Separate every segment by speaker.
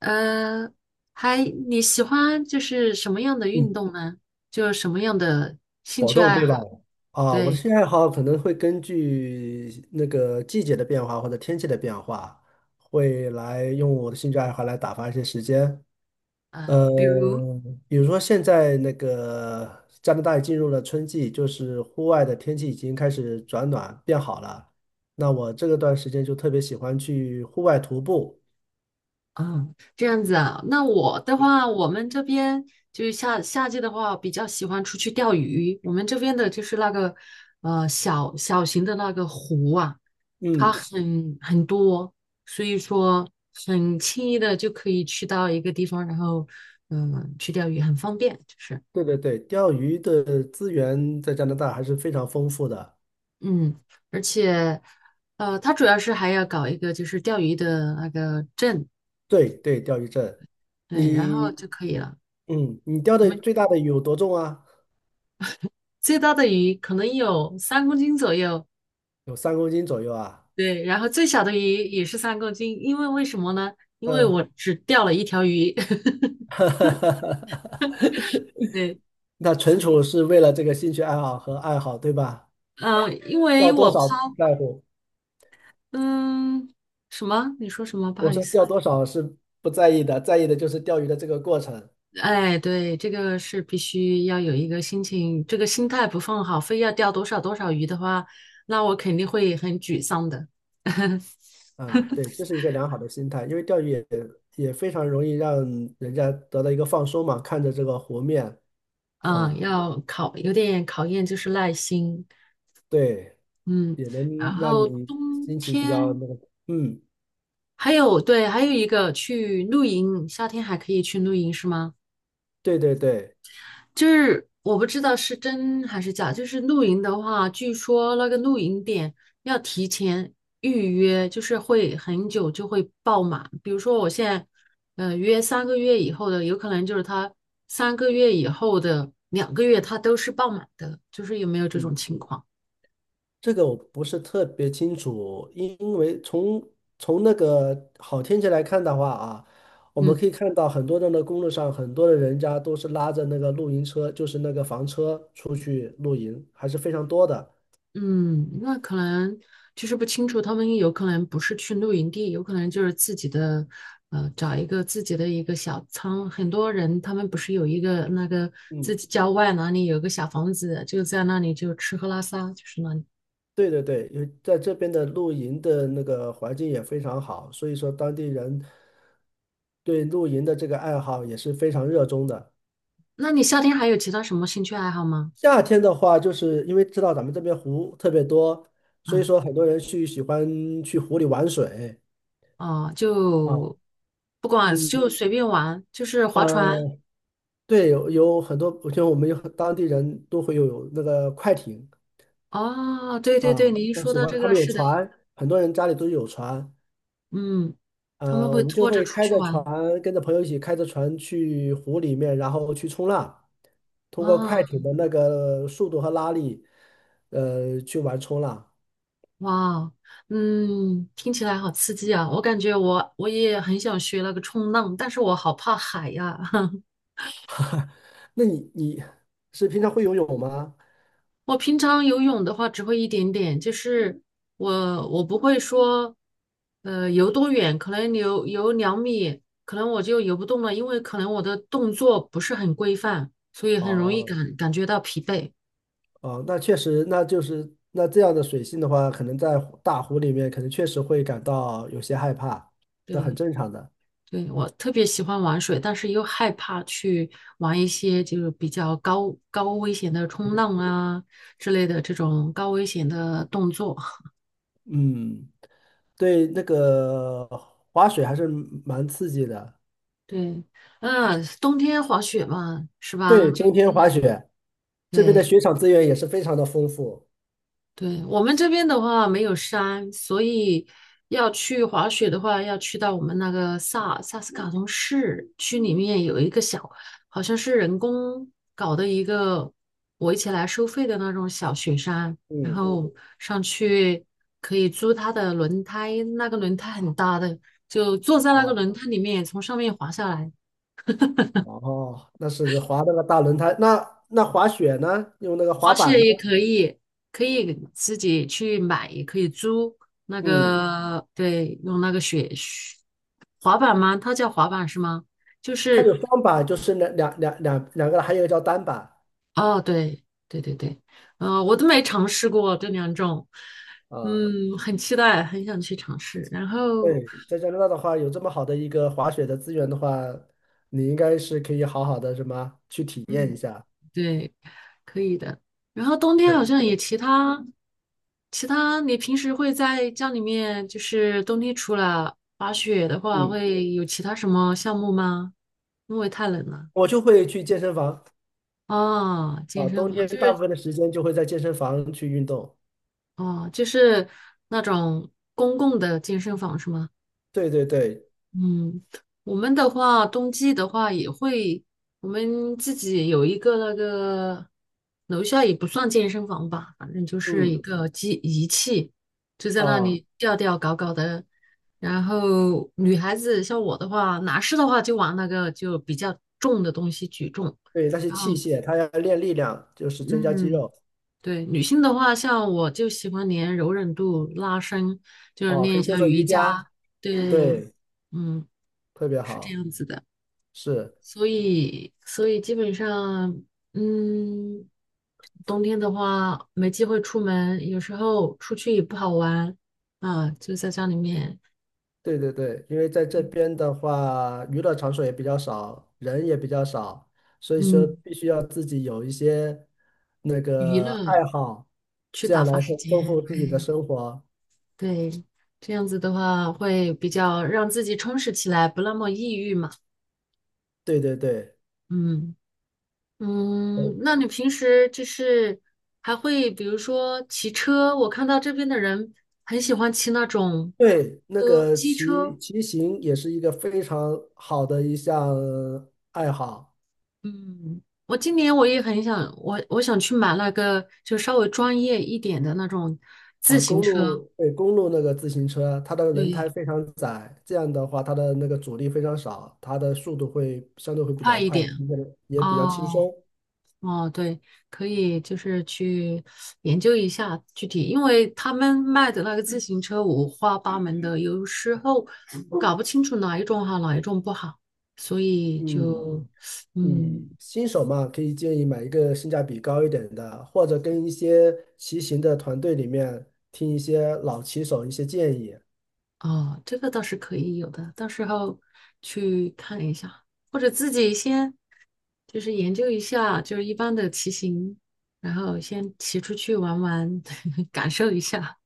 Speaker 1: 呃，还你喜欢就是什么样的运
Speaker 2: 嗯，
Speaker 1: 动呢？就什么样的兴
Speaker 2: 活
Speaker 1: 趣
Speaker 2: 动
Speaker 1: 爱
Speaker 2: 对吧？
Speaker 1: 好？
Speaker 2: 啊，我的
Speaker 1: 对，
Speaker 2: 兴趣爱好可能会根据那个季节的变化或者天气的变化，会来用我的兴趣爱好来打发一些时间。
Speaker 1: 啊，
Speaker 2: 呃，
Speaker 1: 比如，
Speaker 2: 比如说现在那个加拿大也进入了春季，就是户外的天气已经开始转暖变好了。那我这个段时间就特别喜欢去户外徒步。
Speaker 1: 嗯，这样子啊。那我的话，我们这边就是夏季的话，比较喜欢出去钓鱼。我们这边的就是那个小型的那个湖啊，它
Speaker 2: 嗯，
Speaker 1: 很多，所以说很轻易的就可以去到一个地方，然后去钓鱼，很方便，就是。
Speaker 2: 对对对，钓鱼的资源在加拿大还是非常丰富的。
Speaker 1: 嗯，而且，他主要是还要搞一个就是钓鱼的那个证，
Speaker 2: 对对，钓鱼证。
Speaker 1: 对，然后
Speaker 2: 你
Speaker 1: 就可以了。
Speaker 2: 你钓
Speaker 1: 我
Speaker 2: 的
Speaker 1: 们
Speaker 2: 最大的鱼有多重啊？
Speaker 1: 最大的鱼可能有三公斤左右，
Speaker 2: 有3公斤左右啊。
Speaker 1: 对，然后最小的鱼也是三公斤，因为为什么呢？因为
Speaker 2: 嗯。
Speaker 1: 我只钓了一条鱼。对，
Speaker 2: 那纯
Speaker 1: 所
Speaker 2: 属
Speaker 1: 以，
Speaker 2: 是为了这个兴趣爱好和爱好，对吧？
Speaker 1: 嗯，因为
Speaker 2: 钓多
Speaker 1: 我抛，
Speaker 2: 少不在乎。
Speaker 1: 嗯，什么？你说什么？不好
Speaker 2: 我
Speaker 1: 意
Speaker 2: 说钓
Speaker 1: 思。
Speaker 2: 多少是不在意的，在意的就是钓鱼的这个过程。
Speaker 1: 哎，对，这个是必须要有一个心情，这个心态不放好，非要钓多少多少鱼的话，那我肯定会很沮丧的。
Speaker 2: 啊，对，这是一个良好的心态，因为钓鱼也非常容易让人家得到一个放松嘛，看着这个湖面。
Speaker 1: 嗯，
Speaker 2: 啊，
Speaker 1: 有点考验就是耐心。
Speaker 2: 对，
Speaker 1: 嗯，
Speaker 2: 也
Speaker 1: 然
Speaker 2: 能让
Speaker 1: 后
Speaker 2: 你
Speaker 1: 冬
Speaker 2: 心情比较
Speaker 1: 天
Speaker 2: 那个，嗯。
Speaker 1: 还有，对，还有一个去露营，夏天还可以去露营是吗？
Speaker 2: 对对对。
Speaker 1: 就是我不知道是真还是假，就是露营的话，据说那个露营点要提前预约，就是会很久就会爆满。比如说我现在，约三个月以后的，有可能就是他三个月以后的2个月，他都是爆满的，就是有没有这种
Speaker 2: 嗯，
Speaker 1: 情况？
Speaker 2: 这个我不是特别清楚，因为从那个好天气来看的话啊，我们
Speaker 1: 嗯。
Speaker 2: 可以看到很多人的那公路上，很多的人家都是拉着那个露营车，就是那个房车出去露营，还是非常多的。
Speaker 1: 嗯，那可能就是不清楚，他们有可能不是去露营地，有可能就是自己的，找一个自己的一个小仓。很多人他们不是有一个那个自
Speaker 2: 嗯，
Speaker 1: 己郊外哪里有个小房子，就在那里就吃喝拉撒，就是那里。
Speaker 2: 对对对，因为在这边的露营的那个环境也非常好，所以说当地人对露营的这个爱好也是非常热衷的。
Speaker 1: 那你夏天还有其他什么兴趣爱好吗？
Speaker 2: 夏天的话，就是因为知道咱们这边湖特别多，所以
Speaker 1: 啊、
Speaker 2: 说很多人去喜欢去湖里玩水。
Speaker 1: 哦，就
Speaker 2: 啊。
Speaker 1: 不管
Speaker 2: 嗯
Speaker 1: 就随便玩，就是划船。
Speaker 2: 呃，对，有很多，像我们有很当地人都会有那个快艇。
Speaker 1: 哦，对对对，
Speaker 2: 啊，
Speaker 1: 你一
Speaker 2: 那
Speaker 1: 说
Speaker 2: 喜
Speaker 1: 到
Speaker 2: 欢
Speaker 1: 这
Speaker 2: 他
Speaker 1: 个，
Speaker 2: 们有
Speaker 1: 是的。
Speaker 2: 船，很多人家里都有船。
Speaker 1: 嗯，他们会
Speaker 2: 我们就
Speaker 1: 拖着
Speaker 2: 会
Speaker 1: 出
Speaker 2: 开
Speaker 1: 去
Speaker 2: 着船，
Speaker 1: 玩。
Speaker 2: 跟着朋友一起开着船去湖里面，然后去冲浪，通过快
Speaker 1: 哦。
Speaker 2: 艇的那个速度和拉力，去玩冲浪。
Speaker 1: 哇，嗯，听起来好刺激啊！我感觉我也很想学那个冲浪，但是我好怕海呀。
Speaker 2: 那你是平常会游泳吗？
Speaker 1: 我平常游泳的话只会一点点，就是我不会说，游多远，可能游2米，可能我就游不动了，因为可能我的动作不是很规范，所以很容易
Speaker 2: 哦。
Speaker 1: 感觉到疲惫。
Speaker 2: 哦，那确实，那就是那这样的水性的话，可能在大湖里面，可能确实会感到有些害怕，那很
Speaker 1: 对，
Speaker 2: 正常的。
Speaker 1: 对，我特别喜欢玩水，但是又害怕去玩一些就是比较高危险的冲浪啊之类的这种高危险的动作。
Speaker 2: 嗯，对，那个滑雪还是蛮刺激的。
Speaker 1: 对，嗯，冬天滑雪嘛，是吧？
Speaker 2: 对，
Speaker 1: 就
Speaker 2: 冬天滑雪，这边的
Speaker 1: 对，
Speaker 2: 雪场资源也是非常的丰富。
Speaker 1: 对，我们这边的话没有山，所以要去滑雪的话，要去到我们那个萨斯卡通市区里面有一个小，好像是人工搞的一个围起来收费的那种小雪山，然
Speaker 2: 嗯。
Speaker 1: 后上去可以租它的轮胎，那个轮胎很大的，就坐在那个
Speaker 2: 啊。
Speaker 1: 轮胎里面从上面滑下来。
Speaker 2: 哦，那是滑那个大轮胎，那滑雪呢？用那个滑
Speaker 1: 滑
Speaker 2: 板
Speaker 1: 雪
Speaker 2: 呢？
Speaker 1: 也可以，可以自己去买，也可以租那
Speaker 2: 嗯。
Speaker 1: 个，对，用那个雪滑板吗？它叫滑板是吗？就
Speaker 2: 它
Speaker 1: 是，
Speaker 2: 有双板，就是两个还有一个叫单板。
Speaker 1: 哦，对，对对对。我都没尝试过这两种。
Speaker 2: 啊，
Speaker 1: 嗯，很期待，很想去尝试。然后，
Speaker 2: 对，在加拿大的话，有这么好的一个滑雪的资源的话，你应该是可以好好的什么去体验一
Speaker 1: 嗯，
Speaker 2: 下。
Speaker 1: 对，可以的。然后冬天好
Speaker 2: 对。
Speaker 1: 像也其他，你平时会在家里面，就是冬天除了滑雪的话，
Speaker 2: 嗯，
Speaker 1: 会有其他什么项目吗？因为太冷了。
Speaker 2: 我就会去健身房。
Speaker 1: 哦，健
Speaker 2: 啊，
Speaker 1: 身
Speaker 2: 冬
Speaker 1: 房
Speaker 2: 天
Speaker 1: 就
Speaker 2: 大
Speaker 1: 是。
Speaker 2: 部分的时间就会在健身房去运动。
Speaker 1: 哦，就是那种公共的健身房是吗？
Speaker 2: 对对对。
Speaker 1: 嗯，我们的话，冬季的话也会，我们自己有一个那个楼下也不算健身房吧，反正就是一
Speaker 2: 嗯。
Speaker 1: 个机仪器，就在那
Speaker 2: 啊，
Speaker 1: 里吊吊搞搞的。然后女孩子像我的话，男士的话就玩那个就比较重的东西举重，
Speaker 2: 对，那些
Speaker 1: 然后
Speaker 2: 器械，它要练力量，就是增加肌
Speaker 1: 嗯，
Speaker 2: 肉。
Speaker 1: 对，女性的话，像我就喜欢练柔韧度、拉伸，就是
Speaker 2: 啊，
Speaker 1: 练
Speaker 2: 可
Speaker 1: 一
Speaker 2: 以做
Speaker 1: 下
Speaker 2: 做
Speaker 1: 瑜
Speaker 2: 瑜伽。
Speaker 1: 伽。对，
Speaker 2: 对，
Speaker 1: 嗯，
Speaker 2: 特别
Speaker 1: 是这
Speaker 2: 好，
Speaker 1: 样子的。
Speaker 2: 是。
Speaker 1: 所以基本上，嗯，冬天的话没机会出门，有时候出去也不好玩啊，就在家里面，
Speaker 2: 对对对，因为在这边的话，娱乐场所也比较少，人也比较少，所以说
Speaker 1: 嗯，
Speaker 2: 必须要自己有一些那
Speaker 1: 娱
Speaker 2: 个
Speaker 1: 乐
Speaker 2: 爱好，
Speaker 1: 去
Speaker 2: 这
Speaker 1: 打
Speaker 2: 样来
Speaker 1: 发时
Speaker 2: 丰丰
Speaker 1: 间。
Speaker 2: 富自己的生活。
Speaker 1: 对，这样子的话会比较让自己充实起来，不那么抑郁嘛。
Speaker 2: 对对对，
Speaker 1: 嗯
Speaker 2: 呃
Speaker 1: 那你平时就是还会比如说骑车，我看到这边的人很喜欢骑那种
Speaker 2: 对，那
Speaker 1: 车，
Speaker 2: 个
Speaker 1: 机
Speaker 2: 骑
Speaker 1: 车。
Speaker 2: 骑行也是一个非常好的一项爱好。
Speaker 1: 嗯，我今年我也很想，我想去买那个就稍微专业一点的那种自
Speaker 2: 啊，
Speaker 1: 行
Speaker 2: 公
Speaker 1: 车，
Speaker 2: 路，对，公路那个自行车，它的轮胎
Speaker 1: 对，
Speaker 2: 非常窄，这样的话它的那个阻力非常少，它的速度会相对会比
Speaker 1: 快
Speaker 2: 较
Speaker 1: 一
Speaker 2: 快，
Speaker 1: 点。
Speaker 2: 骑起来也比较轻
Speaker 1: 哦
Speaker 2: 松。
Speaker 1: 哦，对，可以就是去研究一下具体，因为他们卖的那个自行车五花八门的，有时候搞不清楚哪一种好，哪一种不好，所以
Speaker 2: 嗯
Speaker 1: 就
Speaker 2: 嗯，
Speaker 1: 嗯，
Speaker 2: 新手嘛，可以建议买一个性价比高一点的，或者跟一些骑行的团队里面听一些老骑手一些建议。
Speaker 1: 哦，这个倒是可以有的，到时候去看一下，或者自己先就是研究一下，就是一般的骑行，然后先骑出去玩玩，感受一下，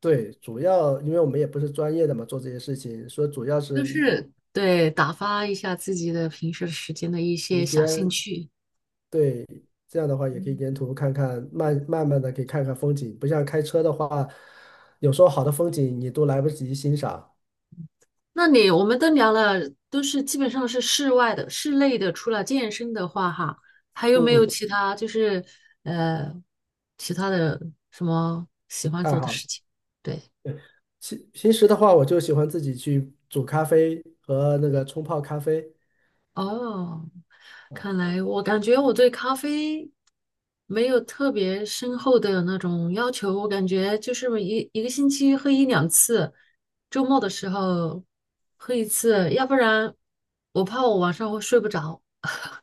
Speaker 2: 对，主要因为我们也不是专业的嘛，做这些事情，所以主要是
Speaker 1: 就是对打发一下自己的平时时间的一些
Speaker 2: 时
Speaker 1: 小兴
Speaker 2: 间。
Speaker 1: 趣。
Speaker 2: 对，这样的话也可以沿途看看，慢慢的可以看看风景，不像开车的话，有时候好的风景你都来不及欣赏。
Speaker 1: 那你我们都聊了，都是基本上是室外的、室内的。除了健身的话，哈，还有没有
Speaker 2: 嗯，
Speaker 1: 其他就是呃其他的什么喜欢
Speaker 2: 爱
Speaker 1: 做的
Speaker 2: 好。
Speaker 1: 事情？对，
Speaker 2: 平时的话，我就喜欢自己去煮咖啡和那个冲泡咖啡。
Speaker 1: 哦，
Speaker 2: 啊。
Speaker 1: 看来我感觉我对咖啡没有特别深厚的那种要求，我感觉就是一个星期喝一两次，周末的时候喝一次，要不然我怕我晚上会睡不着。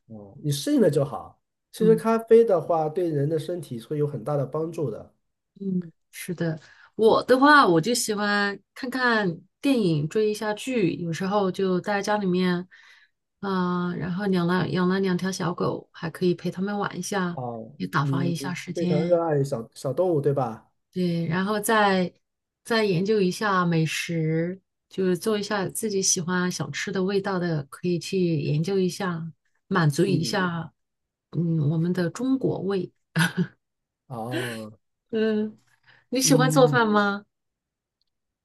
Speaker 2: 哦，你适应了就好。其实
Speaker 1: 嗯。
Speaker 2: 咖啡的话，对人的身体会有很大的帮助的。
Speaker 1: 嗯，是的，我的话我就喜欢看看电影，追一下剧，有时候就待在家里面，然后养了两条小狗，还可以陪它们玩一下，
Speaker 2: 哦，
Speaker 1: 也打发
Speaker 2: 你
Speaker 1: 一下时
Speaker 2: 非常
Speaker 1: 间。
Speaker 2: 热爱小小动物，对吧？
Speaker 1: 对，然后再研究一下美食，就是做一下自己喜欢想吃的味道的，可以去研究一下，满足一
Speaker 2: 嗯。
Speaker 1: 下，嗯，我们的中国胃。
Speaker 2: 哦。
Speaker 1: 嗯，你喜欢做
Speaker 2: 嗯
Speaker 1: 饭吗？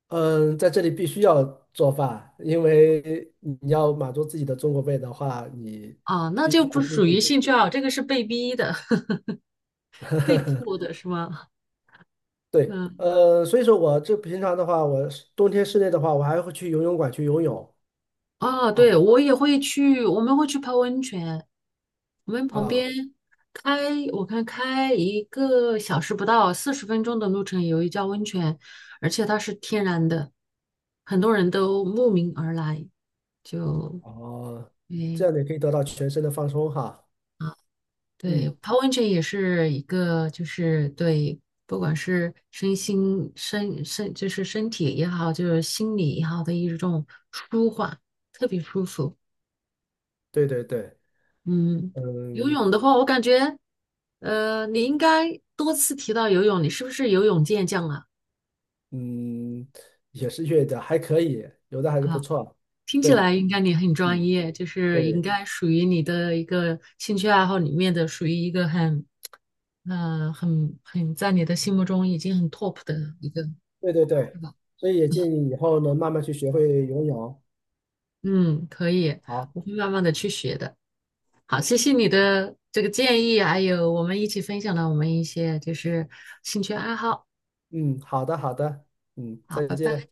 Speaker 2: 嗯，在这里必须要做饭，因为你要满足自己的中国胃的话，你
Speaker 1: 啊，那
Speaker 2: 必
Speaker 1: 就
Speaker 2: 须要
Speaker 1: 不
Speaker 2: 自
Speaker 1: 属于
Speaker 2: 己。
Speaker 1: 兴趣爱好，这个是被逼的、被迫的，是吗？
Speaker 2: 对，
Speaker 1: 嗯，
Speaker 2: 所以说我这平常的话，我是冬天室内的话，我还会去游泳馆去游泳
Speaker 1: 啊，
Speaker 2: 啊。
Speaker 1: 对，我也会去，我们会去泡温泉。我们旁
Speaker 2: 啊。
Speaker 1: 边开，我看开1个小时不到，40分钟的路程有一家温泉，而且它是天然的，很多人都慕名而来，就，
Speaker 2: 哦，这
Speaker 1: 嗯，
Speaker 2: 样也可以得到全身的放松哈。
Speaker 1: 对
Speaker 2: 嗯，
Speaker 1: 泡温泉也是一个，就是对，不管是身心身身，就是身体也好，就是心理也好的一种舒缓，特别舒服。
Speaker 2: 对对对。
Speaker 1: 嗯，游
Speaker 2: 嗯
Speaker 1: 泳的话，我感觉，你应该多次提到游泳，你是不是游泳健将啊？
Speaker 2: 嗯，也是越的，还可以，有的还是不
Speaker 1: 啊，
Speaker 2: 错。
Speaker 1: 听起
Speaker 2: 对。
Speaker 1: 来应该你很专
Speaker 2: 嗯，
Speaker 1: 业，就是应
Speaker 2: 对
Speaker 1: 该属于你的一个兴趣爱好里面的，属于一个很，很在你的心目中已经很 top 的一个，
Speaker 2: 对对对，
Speaker 1: 是吧？
Speaker 2: 所以也建议以后呢，慢慢去学会游泳。
Speaker 1: 嗯，可以，
Speaker 2: 好。
Speaker 1: 我会慢慢的去学的。好，谢谢你的这个建议，还有我们一起分享了我们一些就是兴趣爱好。
Speaker 2: 嗯，好的好的。嗯，
Speaker 1: 好，
Speaker 2: 再
Speaker 1: 拜拜。
Speaker 2: 见。